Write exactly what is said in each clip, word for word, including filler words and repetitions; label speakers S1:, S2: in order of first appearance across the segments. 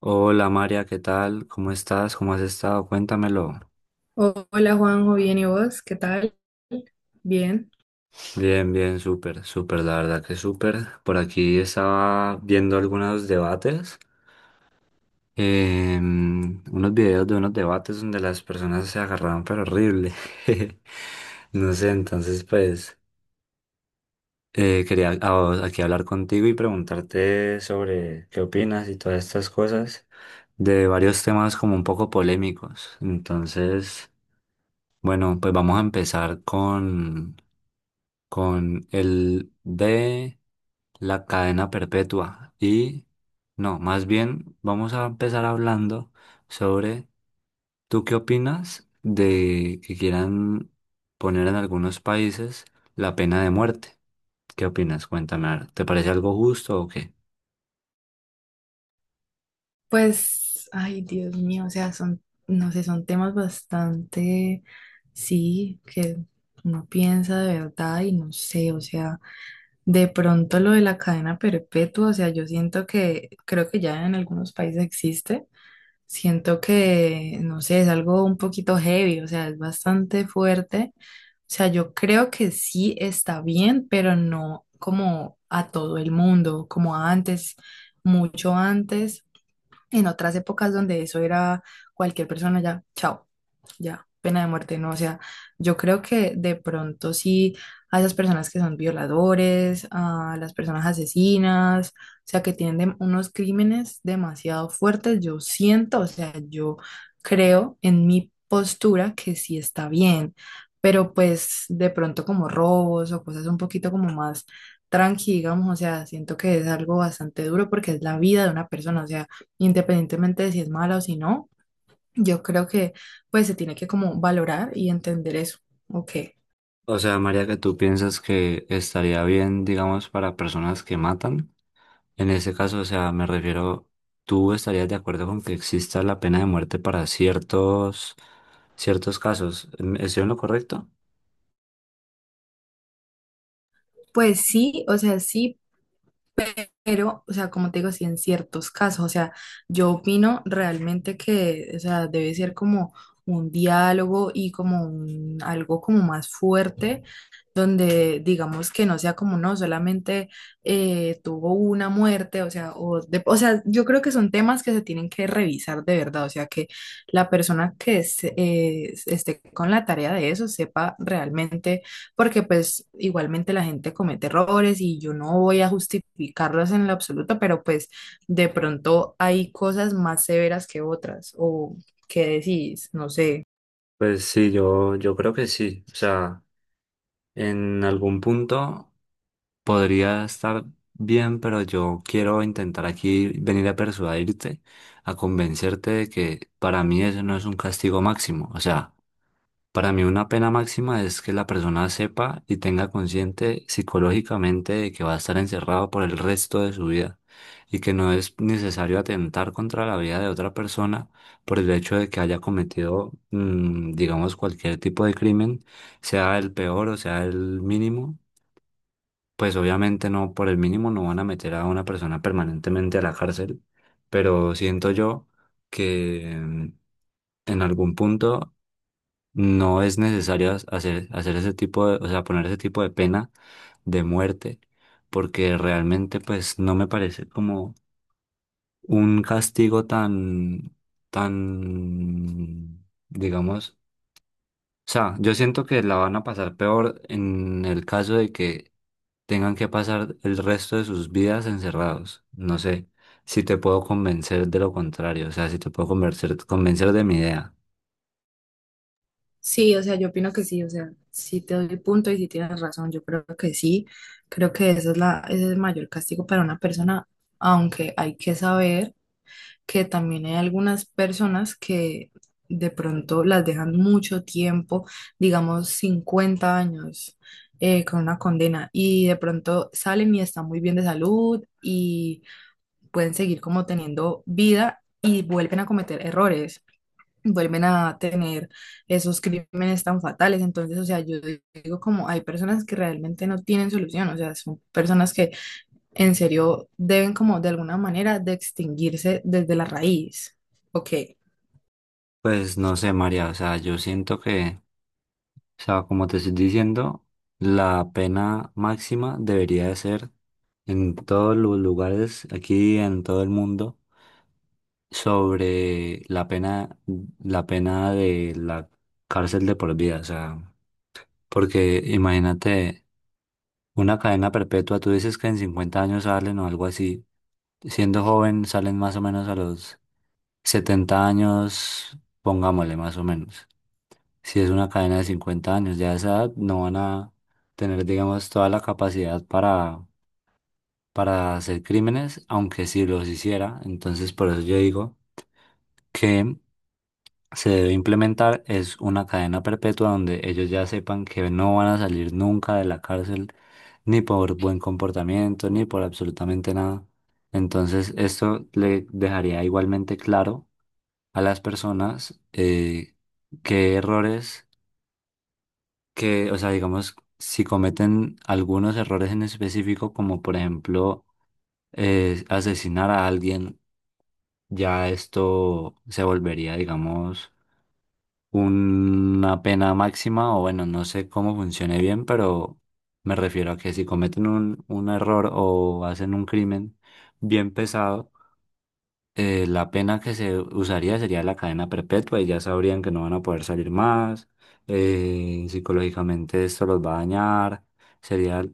S1: Hola María, ¿qué tal? ¿Cómo estás? ¿Cómo has estado? Cuéntamelo.
S2: Hola Juanjo, bien y vos, ¿qué tal? Bien.
S1: Bien, bien, súper, súper, la verdad que súper. Por aquí estaba viendo algunos debates, eh, unos videos de unos debates donde las personas se agarraban pero horrible. No sé, entonces pues eh, quería a- vos- aquí hablar contigo y preguntarte sobre qué opinas y todas estas cosas de varios temas como un poco polémicos. Entonces, bueno, pues vamos a empezar con con el de la cadena perpetua. Y no, más bien vamos a empezar hablando sobre, ¿tú qué opinas de que quieran poner en algunos países la pena de muerte? ¿Qué opinas? Cuéntame, a ver, ¿te parece algo justo o qué?
S2: Pues, ay Dios mío, o sea, son, no sé, son temas bastante, sí, que uno piensa de verdad y no sé, o sea, de pronto lo de la cadena perpetua, o sea, yo siento que creo que ya en algunos países existe. Siento que, no sé, es algo un poquito heavy, o sea, es bastante fuerte. O sea, yo creo que sí está bien, pero no como a todo el mundo, como antes, mucho antes. En otras épocas donde eso era cualquier persona ya, chao, ya, pena de muerte, ¿no? O sea, yo creo que de pronto sí a esas personas que son violadores, a las personas asesinas, o sea, que tienen dem- unos crímenes demasiado fuertes, yo siento, o sea, yo creo en mi postura que sí está bien, pero pues de pronto como robos o cosas un poquito como más tranqui, digamos, o sea, siento que es algo bastante duro porque es la vida de una persona, o sea, independientemente de si es mala o si no, yo creo que pues se tiene que como valorar y entender eso. Ok.
S1: O sea, María, que tú piensas que estaría bien, digamos, para personas que matan. En ese caso, o sea, me refiero, ¿tú estarías de acuerdo con que exista la pena de muerte para ciertos ciertos casos? ¿Em- Estoy en lo correcto?
S2: Pues sí, o sea, sí, pero, o sea, como te digo, sí, en ciertos casos, o sea, yo opino realmente que, o sea, debe ser como un diálogo y como un- algo como más fuerte, donde digamos que no sea como, no, solamente eh, tuvo una muerte, o sea, o, de- o sea, yo creo que son temas que se tienen que revisar de verdad, o sea, que la persona que se- eh, esté con la tarea de eso sepa realmente porque pues igualmente la gente comete errores y yo no voy a justificarlos en lo absoluto, pero pues de pronto hay cosas más severas que otras, o qué decís, no sé.
S1: Pues sí, yo, yo creo que sí. O sea, en algún punto podría estar bien, pero yo quiero intentar aquí venir a persuadirte, a convencerte de que para mí eso no es un castigo máximo. O sea, para mí una pena máxima es que la persona sepa y tenga consciente psicológicamente de que va a estar encerrado por el resto de su vida y que no es necesario atentar contra la vida de otra persona por el hecho de que haya cometido, mm, digamos, cualquier tipo de crimen, sea el peor o sea el mínimo. Pues obviamente no, por el mínimo no van a meter a una persona permanentemente a la cárcel, pero siento yo que, mm, en algún punto no es necesario as- hacer, hacer ese tipo de, o sea, poner ese tipo de pena de muerte, porque realmente pues no me parece como un castigo tan, tan, digamos, o sea, yo siento que la van a pasar peor en el caso de que tengan que pasar el resto de sus vidas encerrados. No sé si te puedo convencer de lo contrario, o sea, si te puedo convencer, convencer de mi idea.
S2: Sí, o sea, yo opino que sí, o sea, sí te doy punto y sí tienes razón, yo creo que sí, creo que esa es la, ese es el mayor castigo para una persona, aunque hay que saber que también hay algunas personas que de pronto las dejan mucho tiempo, digamos cincuenta años, eh, con una condena y de pronto salen y están muy bien de salud y pueden seguir como teniendo vida y vuelven a cometer errores, vuelven a tener esos crímenes tan fatales. Entonces, o sea, yo digo como hay personas que realmente no tienen solución, o sea, son personas que en serio deben como de alguna manera de extinguirse desde la raíz. Ok,
S1: Pues no sé, María, o sea, yo siento que, o sea, como te estoy diciendo, la pena máxima debería de ser en todos los lugares, aquí en todo el mundo, sobre la pena, la pena de la cárcel de por vida, o sea. Porque imagínate, una cadena perpetua, tú dices que en cincuenta años salen o algo así. Siendo joven salen más o menos a los setenta años, pongámosle más o menos. Si es una cadena de cincuenta años, ya a esa edad no van a tener, digamos, toda la capacidad para, para hacer crímenes, aunque si los hiciera. Entonces, por eso yo digo que se debe implementar es una cadena perpetua donde ellos ya sepan que no van a salir nunca de la cárcel, ni por buen comportamiento, ni por absolutamente nada. Entonces, esto le dejaría igualmente claro a las personas eh, qué errores, que, o sea, digamos, si cometen algunos errores en específico, como por ejemplo eh, asesinar a alguien, ya esto se volvería, digamos, una pena máxima, o bueno, no sé cómo funcione bien, pero me refiero a que si cometen un, un error o hacen un crimen bien pesado, eh, la pena que se usaría sería la cadena perpetua y ya sabrían que no van a poder salir más. Eh, psicológicamente esto los va a dañar, sería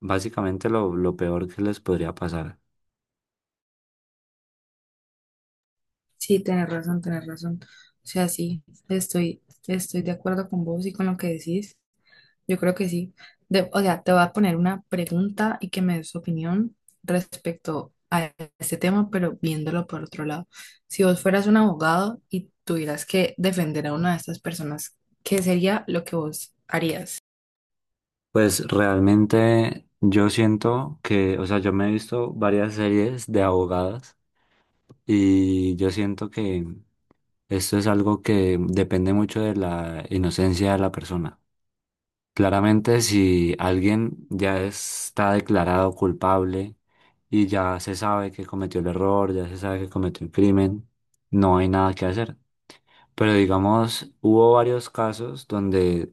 S1: básicamente lo, lo peor que les podría pasar.
S2: sí, tenés razón, tenés razón. O sea, sí, estoy, estoy de acuerdo con vos y con lo que decís. Yo creo que sí. De- o sea, te voy a poner una pregunta y que me des tu opinión respecto a este tema, pero viéndolo por otro lado. Si vos fueras un abogado y tuvieras que defender a una de estas personas, ¿qué sería lo que vos harías?
S1: Pues realmente yo siento que, o sea, yo me he visto varias series de abogadas, y yo siento que esto es algo que depende mucho de la inocencia de la persona. Claramente, si alguien ya está declarado culpable y ya se sabe que cometió el error, ya se sabe que cometió el crimen, no hay nada que hacer. Pero digamos, hubo varios casos donde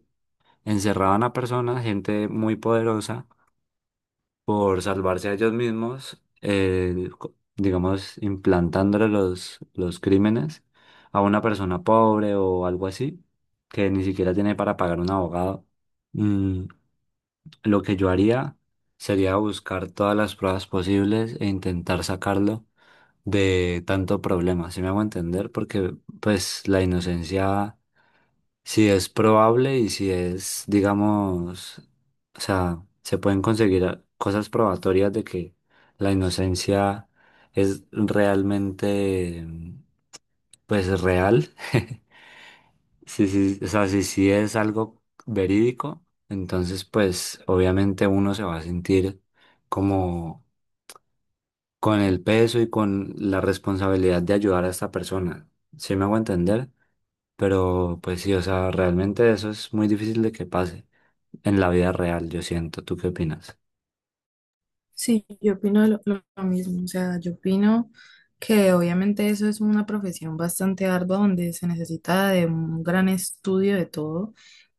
S1: encerraban a personas, gente muy poderosa, por salvarse a ellos mismos, eh, co- digamos, implantándole los, los crímenes a una persona pobre o algo así, que ni siquiera tiene para pagar un abogado. Mm, lo que yo haría sería buscar todas las pruebas posibles e intentar sacarlo de tanto problema, ¿si me hago entender? Porque pues la inocencia si es probable y si es, digamos, o sea, se pueden conseguir a- cosas probatorias de que la inocencia es realmente, pues, real. Sí, sí, o sea, si sí es algo verídico, entonces, pues, obviamente uno se va a sentir como con el peso y con la responsabilidad de ayudar a esta persona. ¿Sí me hago entender? Pero, pues sí, o sea, realmente eso es muy difícil de que pase en la vida real, yo siento. ¿Tú qué opinas?
S2: Sí, yo opino lo, lo- lo mismo, o sea, yo opino que obviamente eso es una profesión bastante ardua donde se necesita de un gran estudio de todo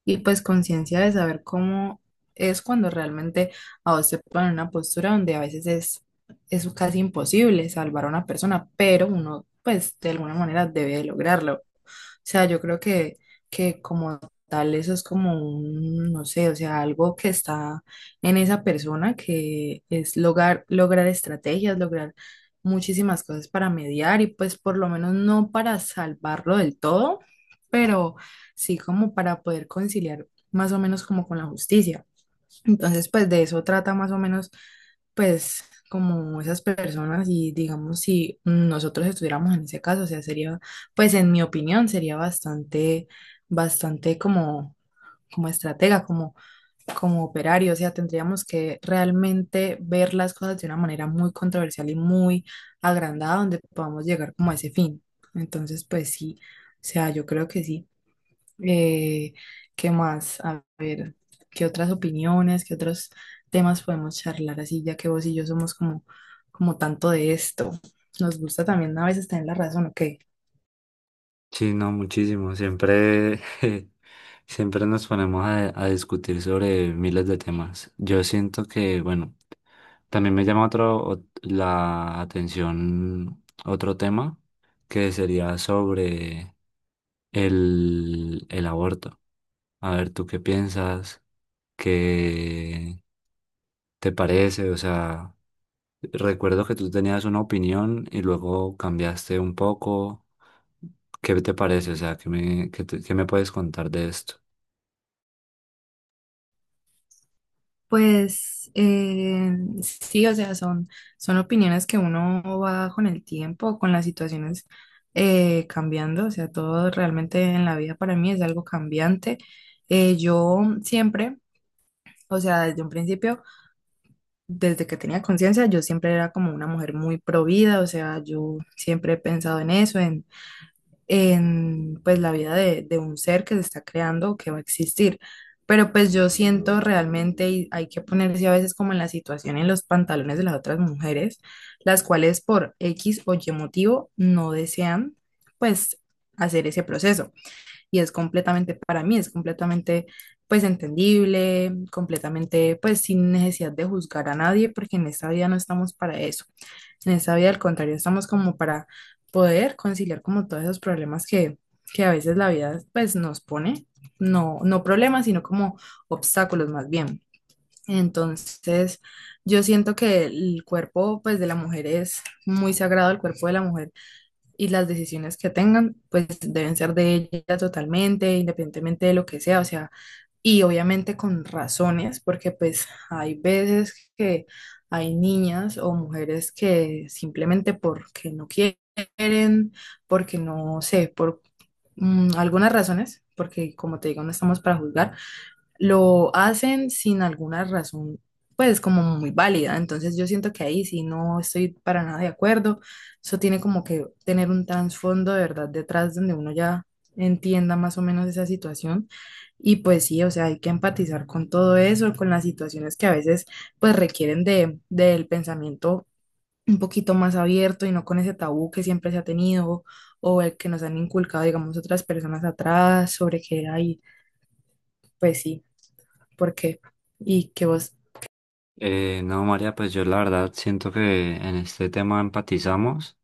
S2: y pues conciencia de saber cómo es cuando realmente a vos te ponen en una postura donde a veces es, es casi imposible salvar a una persona, pero uno pues de alguna manera debe lograrlo, sea, yo creo que, que como tal eso es como un, no sé, o sea, algo que está en esa persona que es lograr, lograr estrategias, lograr muchísimas cosas para mediar y pues por lo menos no para salvarlo del todo, pero sí como para poder conciliar más o menos como con la justicia. Entonces, pues de eso trata más o menos, pues como esas personas y digamos si nosotros estuviéramos en ese caso, o sea, sería, pues en mi opinión, sería bastante, bastante como, como estratega, como, como operario, o sea, tendríamos que realmente ver las cosas de una manera muy controversial y muy agrandada donde podamos llegar como a ese fin. Entonces, pues sí, o sea, yo creo que sí. Eh, ¿Qué más? A ver, ¿qué otras opiniones, qué otros temas podemos charlar así, ya que vos y yo somos como, como tanto de esto? Nos gusta también a veces tener la razón, ¿ok?
S1: Sí, no, muchísimo. Siempre, siempre nos ponemos a, a discutir sobre miles de temas. Yo siento que, bueno, también me llama otro, ot- la atención otro tema que sería sobre el, el aborto. A ver, ¿tú qué piensas? ¿Qué te parece? O sea, recuerdo que tú tenías una opinión y luego cambiaste un poco. ¿Qué te parece? O sea, ¿qué me, qué te- qué me puedes contar de esto?
S2: Pues eh, sí, o sea, son, son opiniones que uno va con el tiempo, con las situaciones eh, cambiando, o sea, todo realmente en la vida para mí es algo cambiante. Eh, yo siempre, o sea, desde un principio, desde que tenía conciencia, yo siempre era como una mujer muy pro vida, o sea, yo siempre he pensado en eso, en, en pues la vida de, de un ser que se está creando, que va a existir. Pero pues yo siento realmente, y hay que ponerse a veces como en la situación, en los pantalones de las otras mujeres, las cuales por X o Y motivo no desean pues hacer ese proceso y es completamente para mí, es completamente pues entendible, completamente pues sin necesidad de juzgar a nadie, porque en esta vida no estamos para eso. En esta vida, al contrario, estamos como para poder conciliar como todos esos problemas que, que a veces la vida pues nos pone, no, no problemas, sino como obstáculos más bien. Entonces, yo siento que el cuerpo pues de la mujer es muy sagrado, el cuerpo de la mujer y las decisiones que tengan, pues deben ser de ella totalmente, independientemente de lo que sea, o sea, y obviamente con razones, porque pues hay veces que hay niñas o mujeres que simplemente porque no quieren, porque no sé, por mm, algunas razones, porque como te digo, no estamos para juzgar lo hacen sin alguna razón, pues como muy válida. Entonces yo siento que ahí sí no estoy para nada de acuerdo. Eso tiene como que tener un trasfondo de verdad detrás donde uno ya entienda más o menos esa situación. Y pues sí, o sea, hay que empatizar con todo eso, con las situaciones que a veces pues requieren de, del pensamiento un poquito más abierto y no con ese tabú que siempre se ha tenido o el que nos han inculcado, digamos, otras personas atrás sobre que hay, pues sí. ¿Por qué? Y que vos,
S1: Eh, no, María, pues yo la verdad siento que en este tema empatizamos,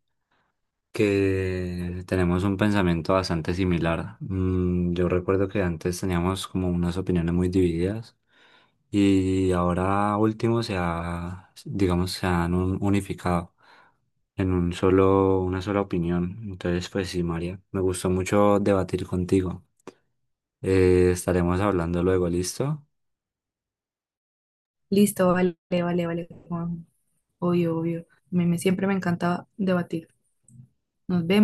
S1: que tenemos un pensamiento bastante similar. Mm, yo recuerdo que antes teníamos como unas opiniones muy divididas y ahora último se ha, digamos, se han un- unificado en un solo, una sola opinión. Entonces, pues sí, María, me gustó mucho debatir contigo. Eh, estaremos hablando luego, ¿listo?
S2: listo, vale, vale, vale, Juan, obvio, obvio. A mí me, siempre me encanta debatir. Nos vemos.